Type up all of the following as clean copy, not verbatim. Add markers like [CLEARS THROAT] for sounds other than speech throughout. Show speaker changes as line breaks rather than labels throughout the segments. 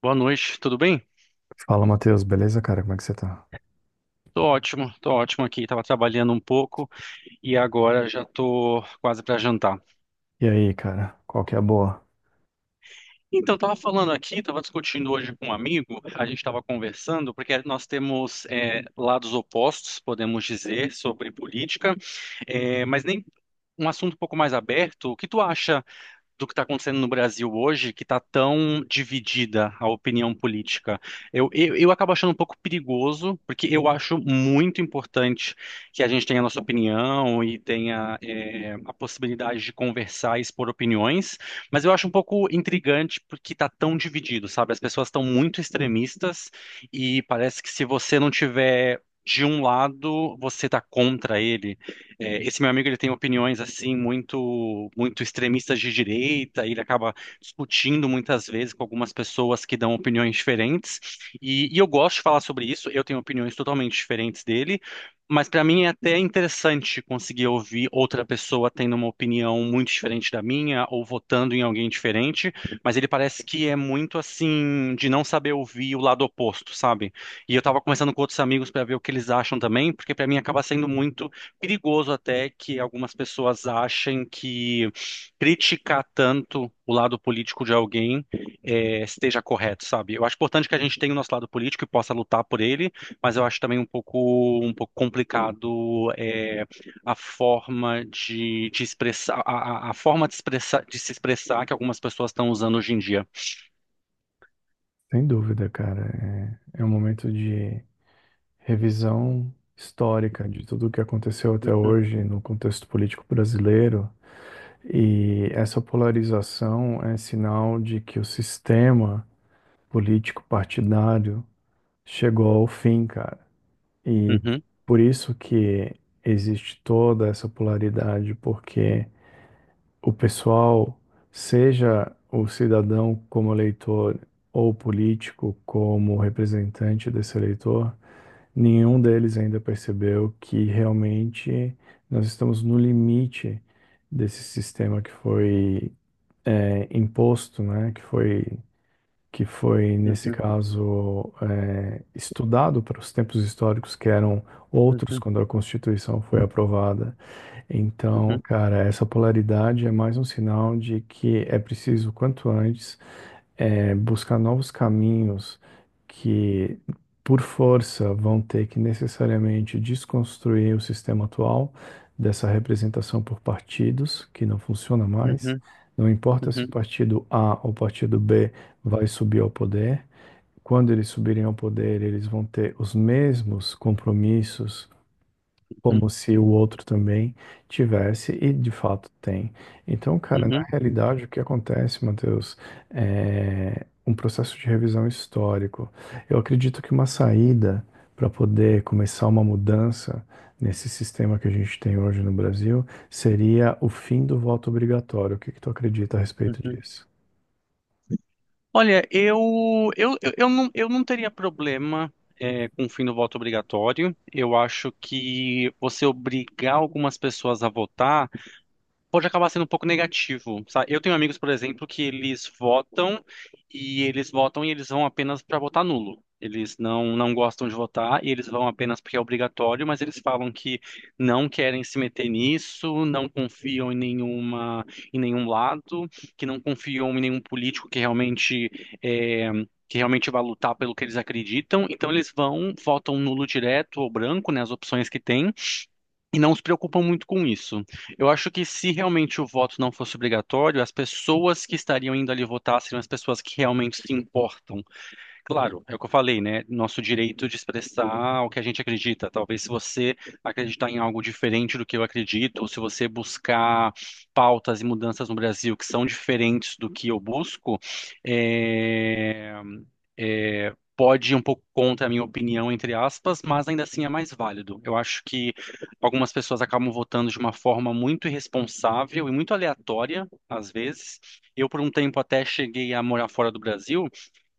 Boa noite, tudo bem?
Fala, Matheus, beleza, cara? Como é que você tá?
Tô ótimo aqui. Tava trabalhando um pouco e agora já tô quase para jantar.
E aí, cara, qual que é a boa?
Então, tava falando aqui, tava discutindo hoje com um amigo, a gente tava conversando, porque nós temos lados opostos, podemos dizer, sobre política, mas nem um assunto um pouco mais aberto. O que tu acha do que está acontecendo no Brasil hoje, que está tão dividida a opinião política. Eu acabo achando um pouco perigoso, porque eu acho muito importante que a gente tenha a nossa opinião e tenha a possibilidade de conversar e expor opiniões, mas eu acho um pouco intrigante porque está tão dividido, sabe? As pessoas estão muito extremistas e parece que se você não tiver de um lado, você está contra ele. É, esse meu amigo ele tem opiniões assim muito muito extremistas de direita, e ele acaba discutindo muitas vezes com algumas pessoas que dão opiniões diferentes. E eu gosto de falar sobre isso. Eu tenho opiniões totalmente diferentes dele, mas para mim é até interessante conseguir ouvir outra pessoa tendo uma opinião muito diferente da minha ou votando em alguém diferente. Mas ele parece que é muito assim de não saber ouvir o lado oposto, sabe? E eu tava conversando com outros amigos para ver o que eles acham também, porque para mim acaba sendo muito perigoso até que algumas pessoas achem que criticar tanto o lado político de alguém esteja correto, sabe? Eu acho importante que a gente tenha o nosso lado político e possa lutar por ele, mas eu acho também um pouco complicado, a forma de expressar a forma de se expressar que algumas pessoas estão usando hoje em dia.
Sem dúvida, cara. É, é um momento de revisão histórica de tudo o que aconteceu até hoje no contexto político brasileiro. E essa polarização é sinal de que o sistema político partidário chegou ao fim, cara. E
Uhum,
por isso que existe toda essa polaridade, porque o pessoal, seja o cidadão como eleitor ou político como representante desse eleitor, nenhum deles ainda percebeu que realmente nós estamos no limite desse sistema que foi imposto, né? Que foi, nesse
uhum,
caso, estudado para os tempos históricos que eram outros
uhum,
quando a Constituição foi aprovada. Então,
uhum,
cara, essa polaridade é mais um sinal de que é preciso, quanto antes, buscar novos caminhos que, por força, vão ter que necessariamente desconstruir o sistema atual dessa representação por partidos, que não funciona mais.
uhum,
Não importa se
uhum,
o partido A ou o partido B vai subir ao poder. Quando eles subirem ao poder, eles vão ter os mesmos compromissos,
uhum,
como se o outro também tivesse, e de fato tem. Então, cara,
uhum,
na
uhum,
realidade, o que acontece, Matheus, é um processo de revisão histórico. Eu acredito que uma saída para poder começar uma mudança nesse sistema que a gente tem hoje no Brasil seria o fim do voto obrigatório. O que que tu acredita a respeito
uhum.
disso?
Olha, eu não teria problema, com o fim do voto obrigatório. Eu acho que você obrigar algumas pessoas a votar pode acabar sendo um pouco negativo, sabe? Eu tenho amigos, por exemplo, que eles votam e eles vão apenas para votar nulo. Eles não gostam de votar e eles vão apenas porque é obrigatório, mas eles falam que não querem se meter nisso, não confiam em nenhuma, em nenhum lado, que não confiam em nenhum político que é, realmente vai lutar pelo que eles acreditam. Então eles votam nulo direto ou branco, né, as opções que tem e não se preocupam muito com isso. Eu acho que se realmente o voto não fosse obrigatório, as pessoas que estariam indo ali votar seriam as pessoas que realmente se importam. Claro, é o que eu falei, né? Nosso direito de expressar o que a gente acredita. Talvez se você acreditar em algo diferente do que eu acredito, ou se você buscar pautas e mudanças no Brasil que são diferentes do que eu busco, eh, pode ir um pouco contra a minha opinião, entre aspas, mas ainda assim é mais válido. Eu acho que algumas pessoas acabam votando de uma forma muito irresponsável e muito aleatória, às vezes. Eu, por um tempo, até cheguei a morar fora do Brasil.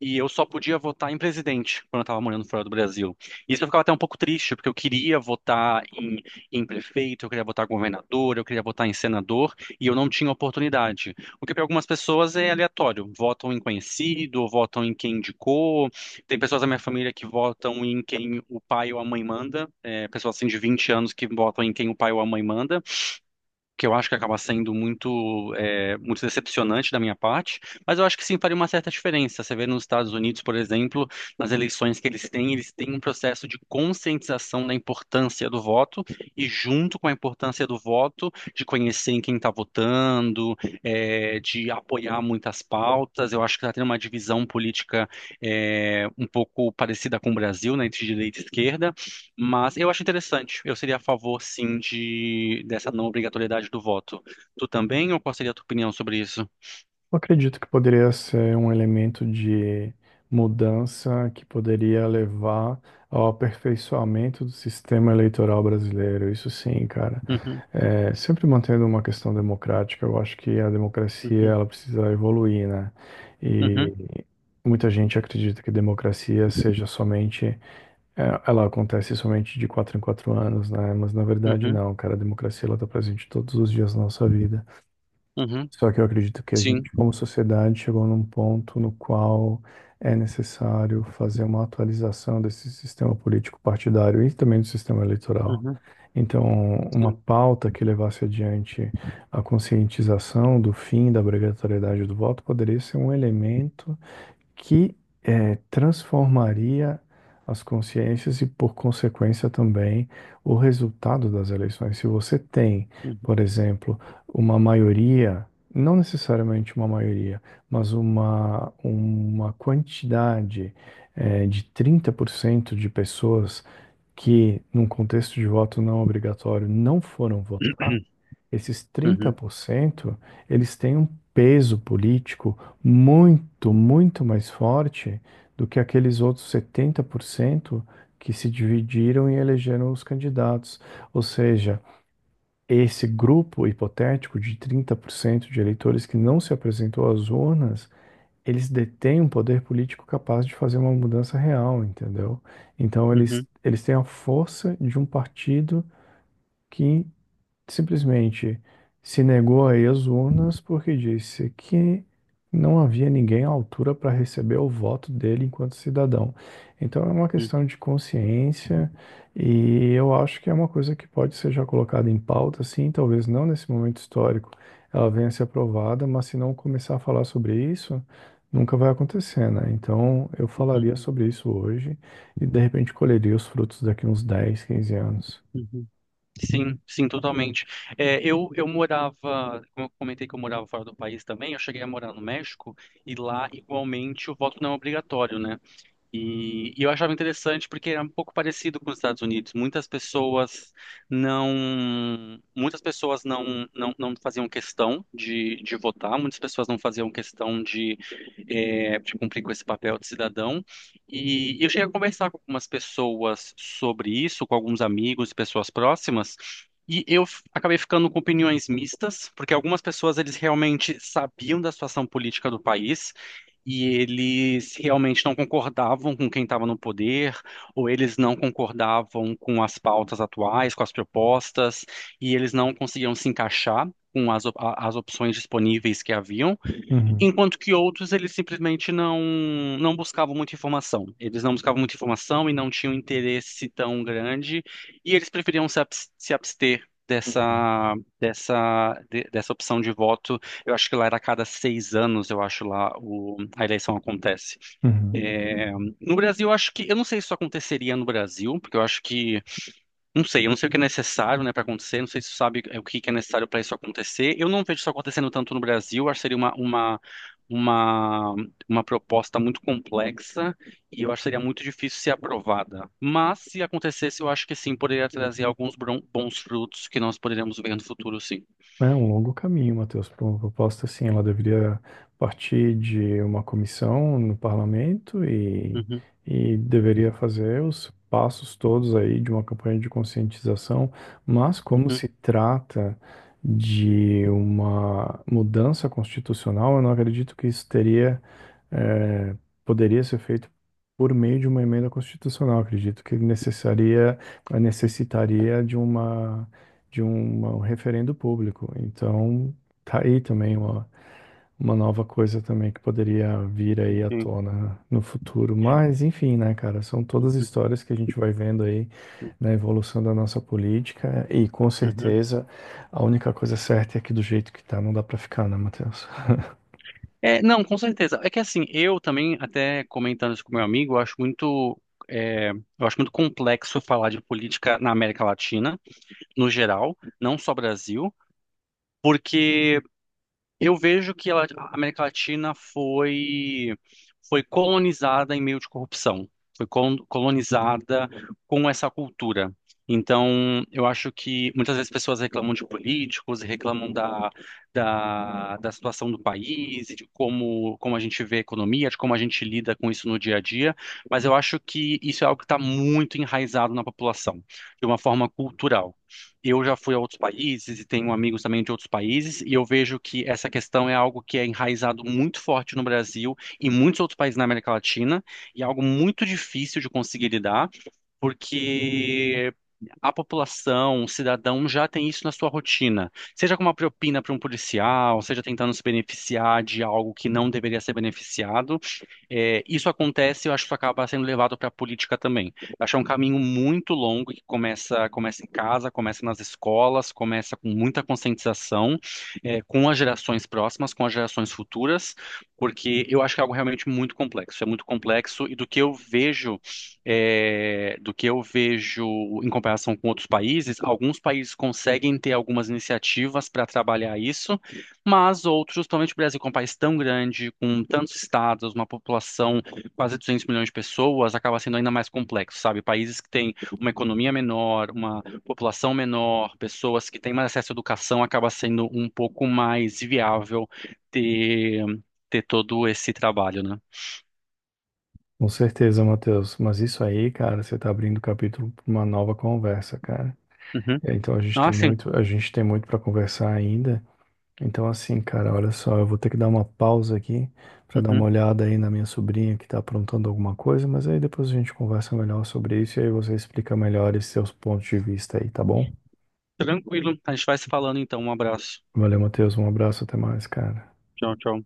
E eu só podia votar em presidente quando eu estava morando fora do Brasil. Isso eu ficava até um pouco triste, porque eu queria votar em prefeito, eu queria votar em governador, eu queria votar em senador, e eu não tinha oportunidade. O que para algumas pessoas é aleatório. Votam em conhecido, votam em quem indicou. Tem pessoas da minha família que votam em quem o pai ou a mãe manda. É, pessoas assim de 20 anos que votam em quem o pai ou a mãe manda, que eu acho que acaba sendo muito decepcionante da minha parte, mas eu acho que sim faria uma certa diferença. Você vê nos Estados Unidos, por exemplo, nas eleições que eles têm um processo de conscientização da importância do voto e, junto com a importância do voto, de conhecer em quem está votando, de apoiar muitas pautas. Eu acho que está tendo uma divisão política, um pouco parecida com o Brasil, né, entre direita e esquerda, mas eu acho interessante. Eu seria a favor, sim, de dessa não obrigatoriedade do voto. Tu também, ou qual seria a tua opinião sobre isso?
Eu acredito que poderia ser um elemento de mudança que poderia levar ao aperfeiçoamento do sistema eleitoral brasileiro. Isso sim, cara.
Uhum,
É, sempre mantendo uma questão democrática, eu acho que a democracia
uhum,
ela precisa evoluir, né? E
uhum,
muita gente acredita que democracia seja ela acontece somente de quatro em quatro anos, né? Mas na verdade
uhum,
não, cara. A democracia ela está presente todos os dias da nossa vida.
uhum.
Só que eu acredito que a
Sim.
gente, como sociedade, chegou num ponto no qual é necessário fazer uma atualização desse sistema político partidário e também do sistema eleitoral.
Uhum,
Então, uma
sim.
pauta que levasse adiante a conscientização do fim da obrigatoriedade do voto poderia ser um elemento que transformaria as consciências e, por consequência, também o resultado das eleições. Se você tem,
Uhum,
por exemplo, uma maioria, não necessariamente uma maioria, mas uma quantidade de 30% de pessoas que, num contexto de voto não obrigatório, não foram votar,
[CLEARS THROAT]
esses trinta
uhum,
por cento eles têm um peso político muito, muito mais forte do que aqueles outros 70% que se dividiram e elegeram os candidatos. Ou seja, esse grupo hipotético de 30% de eleitores que não se apresentou às urnas, eles detêm um poder político capaz de fazer uma mudança real, entendeu? Então, eles,
uhum,
eles têm a força de um partido que simplesmente se negou a ir às urnas porque disse que não havia ninguém à altura para receber o voto dele enquanto cidadão. Então é uma questão de consciência, e eu acho que é uma coisa que pode ser já colocada em pauta, sim. Talvez não nesse momento histórico ela venha a ser aprovada, mas se não começar a falar sobre isso, nunca vai acontecer, né? Então eu
uhum,
falaria sobre isso hoje e de repente colheria os frutos daqui uns 10 15 anos.
uhum. Sim, sim, totalmente. É, eu morava, como eu comentei que eu morava fora do país também, eu cheguei a morar no México e lá igualmente o voto não é obrigatório, né? E eu achava interessante porque era um pouco parecido com os Estados Unidos. Muitas pessoas não faziam questão de votar, muitas pessoas não faziam questão de cumprir com esse papel de cidadão. E eu cheguei a conversar com algumas pessoas sobre isso, com alguns amigos e pessoas próximas. E eu acabei ficando com opiniões mistas, porque algumas pessoas eles realmente sabiam da situação política do país, e eles realmente não concordavam com quem estava no poder, ou eles não concordavam com as pautas atuais, com as propostas, e eles não conseguiam se encaixar com as opções disponíveis que haviam.
Uhum,
Enquanto que outros, eles simplesmente não buscavam muita informação. Eles não buscavam muita informação e não tinham interesse tão grande, e eles preferiam se abster
uhum.
dessa opção de voto. Eu acho que lá era a cada 6 anos, eu acho lá a eleição acontece.
Uhum.
No Brasil, eu acho que, eu não sei se isso aconteceria no Brasil, porque eu acho que não sei, eu não sei o que é necessário, né, para acontecer, não sei se você sabe o que que é necessário para isso acontecer. Eu não vejo isso acontecendo tanto no Brasil, acho que seria uma, uma proposta muito complexa e eu acho que seria muito difícil ser aprovada. Mas se acontecesse, eu acho que sim, poderia trazer alguns bons frutos que nós poderíamos ver no futuro, sim.
É um longo caminho, Matheus, para uma proposta assim. Ela deveria partir de uma comissão no parlamento, e,
Uhum,
e deveria fazer os passos todos aí de uma campanha de conscientização, mas como
uhum,
se trata de uma mudança constitucional, eu não acredito que isso teria, é, poderia ser feito por meio de uma emenda constitucional. Acredito que necessitaria de uma, um referendo público. Então, tá aí também uma nova coisa também que poderia vir aí à
ok.
tona no futuro. Mas, enfim, né, cara, são todas
Uhum,
histórias que a gente vai vendo aí na evolução da nossa política e, com
uhum.
certeza, a única coisa certa é que do jeito que tá, não dá para ficar, né, Matheus?
É, não, com certeza. É que assim, eu também, até comentando isso com meu amigo, eu acho muito complexo falar de política na América Latina, no geral, não só Brasil, porque eu vejo que a América Latina foi colonizada em meio de corrupção, foi colonizada com essa cultura. Então, eu acho que muitas vezes pessoas reclamam de políticos, e reclamam da situação do país, e de como a gente vê a economia, de como a gente lida com isso no dia a dia, mas eu acho que isso é algo que está muito enraizado na população, de uma forma cultural. Eu já fui a outros países e tenho amigos também de outros países, e eu vejo que essa questão é algo que é enraizado muito forte no Brasil e em muitos outros países na América Latina, e é algo muito difícil de conseguir lidar porque a população, o cidadão já tem isso na sua rotina, seja com uma propina para um policial, seja tentando se beneficiar de algo que não deveria ser beneficiado. É, isso acontece, eu acho que isso acaba sendo levado para a política também. Eu acho que é um caminho muito longo que começa em casa, começa nas escolas, começa com muita conscientização, com as gerações próximas, com as gerações futuras, porque eu acho que é algo realmente muito complexo. É muito complexo e do que eu vejo é, do que eu vejo em comparação com outros países, alguns países conseguem ter algumas iniciativas para trabalhar isso, mas outros, principalmente o Brasil, que é um país tão grande, com tantos estados, uma população quase 200 milhões de pessoas, acaba sendo ainda mais complexo, sabe? Países que têm uma economia menor, uma população menor, pessoas que têm mais acesso à educação, acaba sendo um pouco mais viável ter, ter todo esse trabalho, né?
Com certeza, Matheus. Mas isso aí, cara, você tá abrindo o capítulo para uma nova conversa, cara.
Uhum.
É, então a gente
Ah,
tem
sim.
muito, a gente tem muito para conversar ainda. Então assim, cara, olha só, eu vou ter que dar uma pausa aqui para dar uma
Uhum.
olhada aí na minha sobrinha que tá aprontando alguma coisa, mas aí depois a gente conversa melhor sobre isso e aí você explica melhor esses seus pontos de vista aí, tá bom?
Tranquilo. A gente vai se falando então. Um abraço.
Valeu, Matheus. Um abraço, até mais, cara.
Tchau, tchau.